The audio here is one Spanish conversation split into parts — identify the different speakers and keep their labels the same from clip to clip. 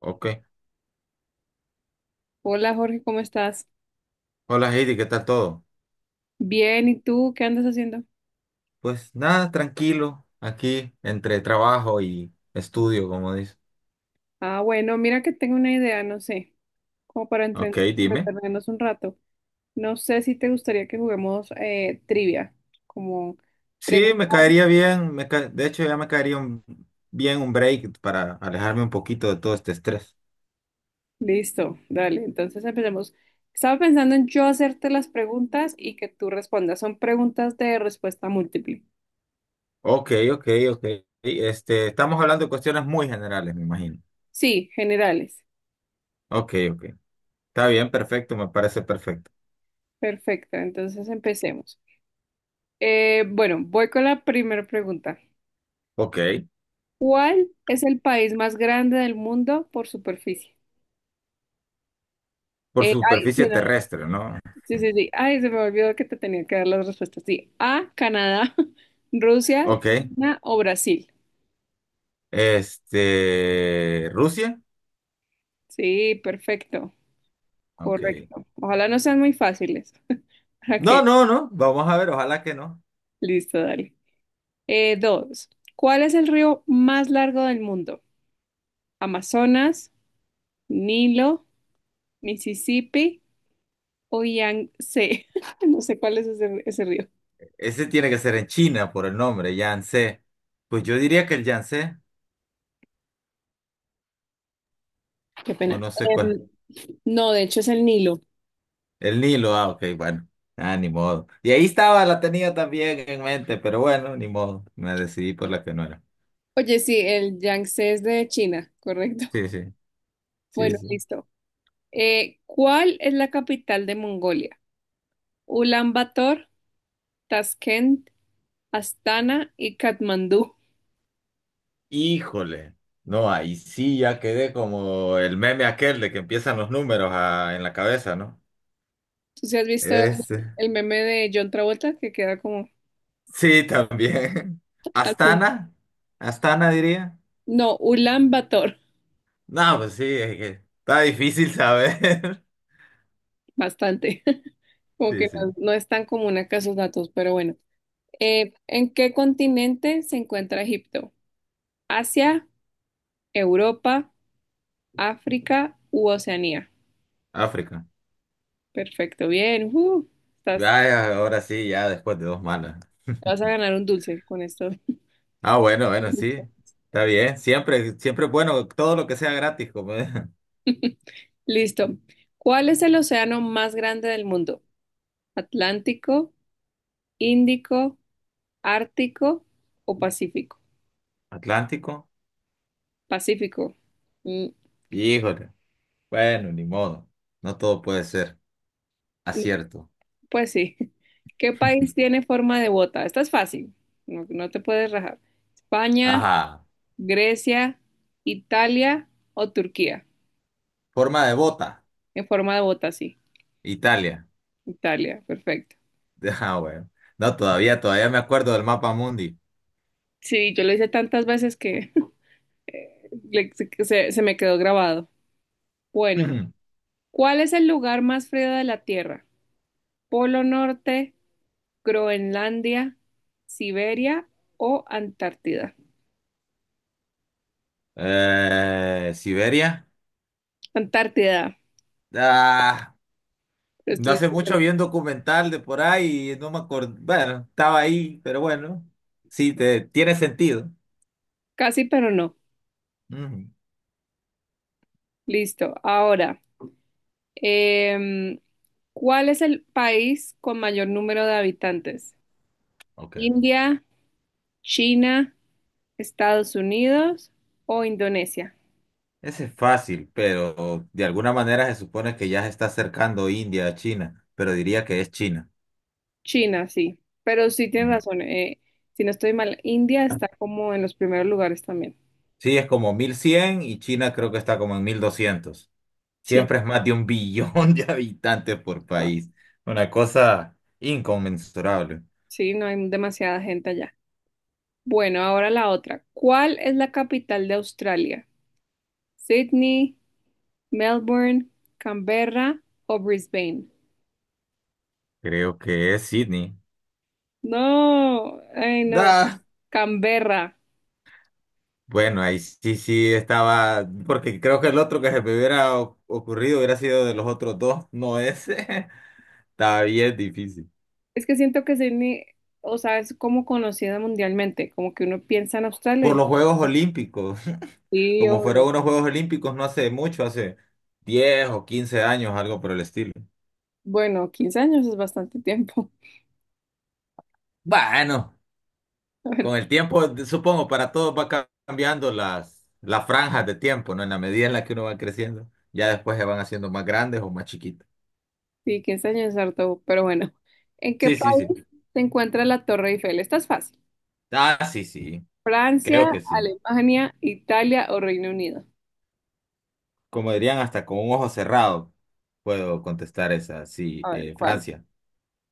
Speaker 1: Ok.
Speaker 2: Hola Jorge, ¿cómo estás?
Speaker 1: Hola Heidi, ¿qué tal todo?
Speaker 2: Bien, ¿y tú qué andas haciendo?
Speaker 1: Pues nada, tranquilo, aquí entre trabajo y estudio, como dice.
Speaker 2: Ah, bueno, mira que tengo una idea, no sé, como para
Speaker 1: Ok, dime.
Speaker 2: entretenernos un rato. No sé si te gustaría que juguemos trivia, como
Speaker 1: Sí,
Speaker 2: preguntas.
Speaker 1: me caería bien, de hecho ya me caería bien un break para alejarme un poquito de todo este estrés.
Speaker 2: Listo, dale, entonces empecemos. Estaba pensando en yo hacerte las preguntas y que tú respondas. Son preguntas de respuesta múltiple.
Speaker 1: Ok, ok, ok. Estamos hablando de cuestiones muy generales, me imagino.
Speaker 2: Sí, generales.
Speaker 1: Ok, ok. Está bien, perfecto, me parece perfecto.
Speaker 2: Perfecto, entonces empecemos. Bueno, voy con la primera pregunta.
Speaker 1: Ok,
Speaker 2: ¿Cuál es el país más grande del mundo por superficie?
Speaker 1: por
Speaker 2: Eh, ay,
Speaker 1: superficie
Speaker 2: se me-
Speaker 1: terrestre, ¿no?
Speaker 2: sí, sí, sí. Ay, se me olvidó que te tenía que dar las respuestas. Sí. A, Canadá, Rusia,
Speaker 1: Ok.
Speaker 2: China o Brasil.
Speaker 1: Rusia.
Speaker 2: Sí, perfecto.
Speaker 1: Ok.
Speaker 2: Correcto. Ojalá no sean muy fáciles. Ok,
Speaker 1: No, no, no, vamos a ver, ojalá que no.
Speaker 2: listo, dale. Dos. ¿Cuál es el río más largo del mundo? ¿Amazonas, Nilo, Mississippi o Yangtze? No sé cuál es ese río.
Speaker 1: Ese tiene que ser en China por el nombre, Yangtze. Pues yo diría que el Yangtze,
Speaker 2: Qué
Speaker 1: o
Speaker 2: pena.
Speaker 1: no sé cuál.
Speaker 2: No, de hecho es el Nilo.
Speaker 1: El Nilo, ah, ok, bueno. Ah, ni modo. Y ahí estaba, la tenía también en mente, pero bueno, ni modo. Me decidí por la que no era.
Speaker 2: Oye, sí, el Yangtze es de China, correcto.
Speaker 1: Sí, sí, sí,
Speaker 2: Bueno,
Speaker 1: sí.
Speaker 2: listo. ¿Cuál es la capital de Mongolia? Ulan Bator, Tashkent, Astana y Katmandú.
Speaker 1: Híjole. No, ahí sí ya quedé como el meme aquel de que empiezan los números en la cabeza, ¿no?
Speaker 2: ¿Tú sí has visto
Speaker 1: Ese.
Speaker 2: el meme de John Travolta que queda como
Speaker 1: Sí, también.
Speaker 2: al fin?
Speaker 1: Astana, Astana diría.
Speaker 2: No, Ulan Bator,
Speaker 1: No, pues sí, es que está difícil saber.
Speaker 2: bastante. Como
Speaker 1: Sí,
Speaker 2: que
Speaker 1: sí.
Speaker 2: no, no es tan común acá esos datos, pero bueno. ¿En qué continente se encuentra Egipto? ¿Asia, Europa, África u Oceanía?
Speaker 1: África.
Speaker 2: Perfecto, bien. Ujú. Te
Speaker 1: Ya, ahora sí, ya después de dos malas.
Speaker 2: vas a ganar un dulce con esto.
Speaker 1: Ah, bueno, bueno, sí. Está bien. Siempre, siempre es bueno todo lo que sea gratis, como es.
Speaker 2: Listo. ¿Cuál es el océano más grande del mundo? ¿Atlántico, Índico, Ártico o Pacífico?
Speaker 1: Atlántico.
Speaker 2: Pacífico. Mm,
Speaker 1: Híjole. Bueno, ni modo. No todo puede ser.
Speaker 2: mm,
Speaker 1: Acierto.
Speaker 2: pues sí. ¿Qué país tiene forma de bota? Esta es fácil. No, no te puedes rajar. España,
Speaker 1: Ajá.
Speaker 2: Grecia, Italia o Turquía.
Speaker 1: Forma de bota.
Speaker 2: En forma de bota, sí.
Speaker 1: Italia.
Speaker 2: Italia, perfecto.
Speaker 1: Ah, bueno. No, todavía, todavía me acuerdo del mapa mundi.
Speaker 2: Sí, yo lo hice tantas veces que se me quedó grabado. Bueno, ¿cuál es el lugar más frío de la Tierra? ¿Polo Norte, Groenlandia, Siberia o Antártida?
Speaker 1: Siberia.
Speaker 2: Antártida.
Speaker 1: Ah, no
Speaker 2: Estoy
Speaker 1: hace mucho vi un documental de por ahí y no me acuerdo. Bueno, estaba ahí, pero bueno, sí, te, tiene sentido.
Speaker 2: casi, pero no.
Speaker 1: Ujú.
Speaker 2: Listo. Ahora, em, ¿cuál es el país con mayor número de habitantes?
Speaker 1: Ok.
Speaker 2: ¿India, China, Estados Unidos o Indonesia?
Speaker 1: Ese es fácil, pero de alguna manera se supone que ya se está acercando India a China, pero diría que es China.
Speaker 2: China, sí, pero sí tienes
Speaker 1: Ujú.
Speaker 2: razón. Si no estoy mal, India está como en los primeros lugares también.
Speaker 1: Sí, es como 1100 y China creo que está como en 1200.
Speaker 2: Sí,
Speaker 1: Siempre es más de un billón de habitantes por
Speaker 2: wow,
Speaker 1: país. Una cosa inconmensurable.
Speaker 2: sí, no hay demasiada gente allá. Bueno, ahora la otra. ¿Cuál es la capital de Australia? ¿Sydney, Melbourne, Canberra o Brisbane?
Speaker 1: Creo que es Sydney.
Speaker 2: No, ay no,
Speaker 1: Da.
Speaker 2: Canberra.
Speaker 1: Bueno, ahí sí, sí estaba, porque creo que el otro que se me hubiera ocurrido hubiera sido de los otros dos, no ese. Estaba bien difícil.
Speaker 2: Es que siento que Sydney, o sea, es como conocida mundialmente, como que uno piensa en Australia y
Speaker 1: Por
Speaker 2: dice,
Speaker 1: los
Speaker 2: "Ah,
Speaker 1: Juegos Olímpicos,
Speaker 2: sí,
Speaker 1: como
Speaker 2: obvio".
Speaker 1: fueron unos Juegos Olímpicos no hace mucho, hace 10 o 15 años, algo por el estilo.
Speaker 2: Bueno, 15 años es bastante tiempo,
Speaker 1: Bueno,
Speaker 2: la verdad.
Speaker 1: con el tiempo, supongo, para todos va cambiando las franjas de tiempo, ¿no? En la medida en la que uno va creciendo, ya después se van haciendo más grandes o más chiquitas.
Speaker 2: Sí, 15 años es harto, pero bueno. ¿En qué
Speaker 1: Sí, sí, sí.
Speaker 2: país se encuentra la Torre Eiffel? Esta es fácil.
Speaker 1: Ah, sí, sí, creo
Speaker 2: Francia,
Speaker 1: que sí.
Speaker 2: Alemania, Italia o Reino Unido.
Speaker 1: Como dirían, hasta con un ojo cerrado puedo contestar esa, sí,
Speaker 2: A ver, ¿cuál?
Speaker 1: Francia.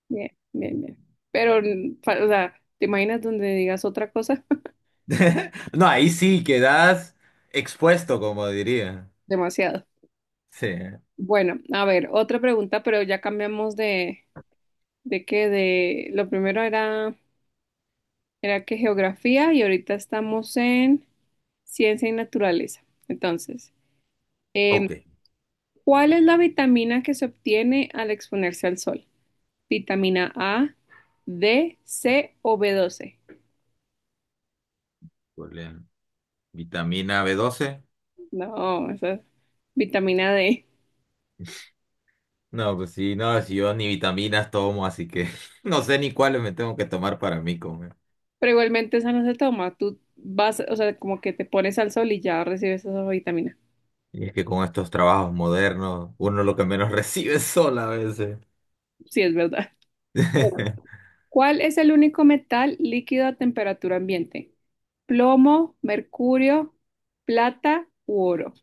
Speaker 2: Bien, bien, bien. Pero, o sea, ¿te imaginas donde digas otra cosa?
Speaker 1: No, ahí sí quedas expuesto, como diría.
Speaker 2: Demasiado.
Speaker 1: Sí.
Speaker 2: Bueno, a ver, otra pregunta, pero ya cambiamos de qué, lo primero era que geografía y ahorita estamos en ciencia y naturaleza. Entonces. em,
Speaker 1: Ok.
Speaker 2: ¿Cuál es la vitamina que se obtiene al exponerse al sol? ¿Vitamina A, D, C o B12?
Speaker 1: Problema. ¿Vitamina B12?
Speaker 2: No, esa es vitamina D.
Speaker 1: No, pues sí, no, si yo ni vitaminas tomo, así que no sé ni cuáles me tengo que tomar para mí comer.
Speaker 2: Pero igualmente esa no se toma. Tú vas, o sea, como que te pones al sol y ya recibes esa vitamina.
Speaker 1: Y es que con estos trabajos modernos, uno lo que menos recibe es sol a veces.
Speaker 2: Sí, es verdad. Bueno, ¿cuál es el único metal líquido a temperatura ambiente? ¿Plomo, mercurio, plata u oro?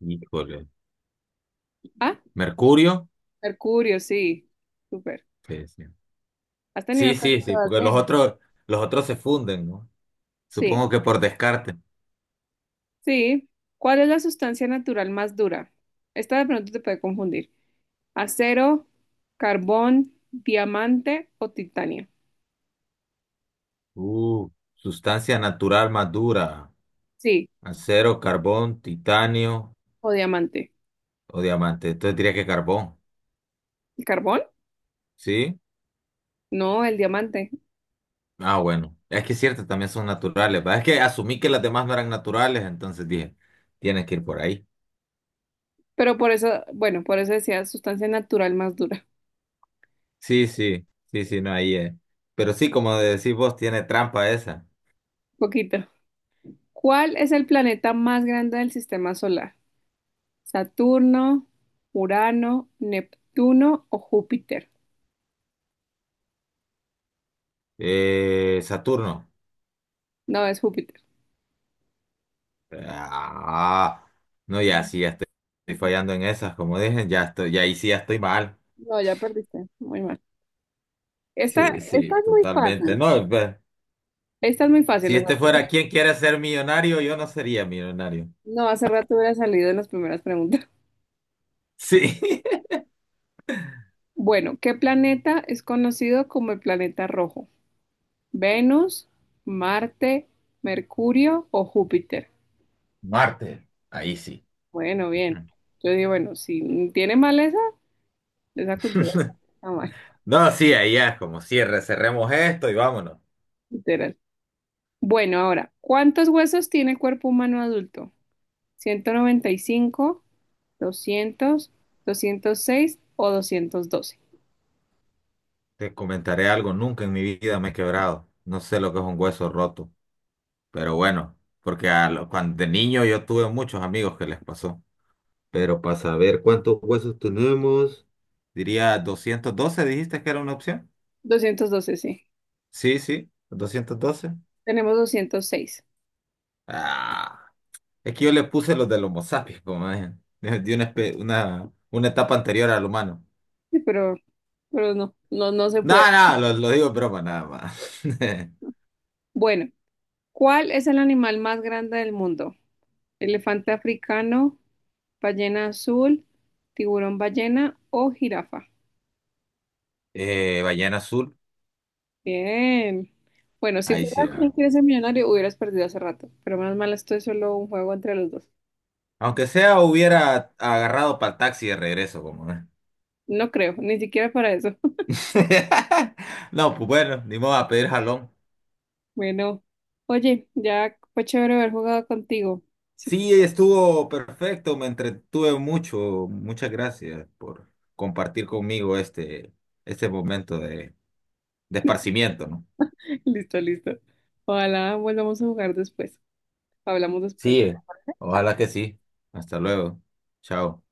Speaker 1: Híjole.
Speaker 2: Ah,
Speaker 1: ¿Mercurio?
Speaker 2: mercurio, sí. Súper.
Speaker 1: Sí, sí.
Speaker 2: ¿Has tenido?
Speaker 1: Sí, sí, sí, porque los otros se funden, ¿no?
Speaker 2: Sí.
Speaker 1: Supongo que por descarte.
Speaker 2: Sí. ¿Cuál es la sustancia natural más dura? Esta de pronto te puede confundir. ¿Acero, carbón, diamante o titanio?
Speaker 1: Uh, Sustancia natural más dura.
Speaker 2: Sí,
Speaker 1: Acero, carbón, titanio
Speaker 2: o diamante.
Speaker 1: o diamante. Entonces diría que carbón.
Speaker 2: ¿El carbón?
Speaker 1: ¿Sí?
Speaker 2: No, el diamante.
Speaker 1: Ah, bueno. Es que es cierto, también son naturales. ¿Va? Es que asumí que las demás no eran naturales, entonces dije, tienes que ir por ahí.
Speaker 2: Pero por eso, bueno, por eso decía sustancia natural más dura.
Speaker 1: Sí, sí, sí, sí, no, ahí es. Pero sí, como decís vos, tiene trampa esa.
Speaker 2: Poquito. ¿Cuál es el planeta más grande del sistema solar? ¿Saturno, Urano, Neptuno o Júpiter?
Speaker 1: Saturno.
Speaker 2: No, es Júpiter.
Speaker 1: Ah, no, ya sí, ya estoy fallando en esas, como dije, ya estoy, ya ahí sí ya estoy mal.
Speaker 2: No, ya perdiste. Muy mal. Esta,
Speaker 1: Sí, sí,
Speaker 2: esta es muy
Speaker 1: totalmente.
Speaker 2: fácil.
Speaker 1: No, pues,
Speaker 2: Esta es muy
Speaker 1: si
Speaker 2: fácil, o sea,
Speaker 1: este fuera quien quiere ser millonario, yo no sería millonario.
Speaker 2: no hace rato hubiera salido en las primeras preguntas.
Speaker 1: Sí.
Speaker 2: Bueno, ¿qué planeta es conocido como el planeta rojo? ¿Venus, Marte, Mercurio o Júpiter?
Speaker 1: Marte, ahí sí.
Speaker 2: Bueno, bien.
Speaker 1: Ujú.
Speaker 2: Yo digo, bueno, si tiene mal esa, cultura está mal,
Speaker 1: No, sí, ahí ya es como cierre, cerremos esto y vámonos.
Speaker 2: literal. Bueno, ahora, ¿cuántos huesos tiene el cuerpo humano adulto? 195, 200, 206 o 212.
Speaker 1: Te comentaré algo, nunca en mi vida me he quebrado. No sé lo que es un hueso roto, pero bueno, porque cuando de niño yo tuve muchos amigos que les pasó. Pero para saber cuántos huesos tenemos, diría 212. Dijiste que era una opción.
Speaker 2: 212, sí.
Speaker 1: Sí, sí, 212.
Speaker 2: Tenemos 206.
Speaker 1: Ah. Es que yo le puse los del Homo sapiens, como es, de una etapa anterior al humano.
Speaker 2: Sí, pero no, no, no se puede.
Speaker 1: Nada, nada, no, lo digo en broma, nada más.
Speaker 2: Bueno, ¿cuál es el animal más grande del mundo? ¿Elefante africano, ballena azul, tiburón ballena o jirafa?
Speaker 1: Ballena Azul,
Speaker 2: Bien. Bueno, si
Speaker 1: ahí
Speaker 2: fuera
Speaker 1: sí
Speaker 2: quien
Speaker 1: va.
Speaker 2: quiere ser millonario, hubieras perdido hace rato, pero más mal esto es solo un juego entre los dos.
Speaker 1: Aunque sea, hubiera agarrado para el taxi de regreso, como es.
Speaker 2: No creo, ni siquiera para eso.
Speaker 1: No, pues bueno, ni modo a pedir jalón.
Speaker 2: Bueno, oye, ya fue chévere haber jugado contigo. Si quieres-
Speaker 1: Sí, estuvo perfecto, me entretuve mucho. Muchas gracias por compartir conmigo este momento de esparcimiento, ¿no?
Speaker 2: Listo, listo. Ojalá volvamos a jugar después. Hablamos después.
Speaker 1: Sí, ojalá que
Speaker 2: Chao.
Speaker 1: sí. Hasta luego. Chao.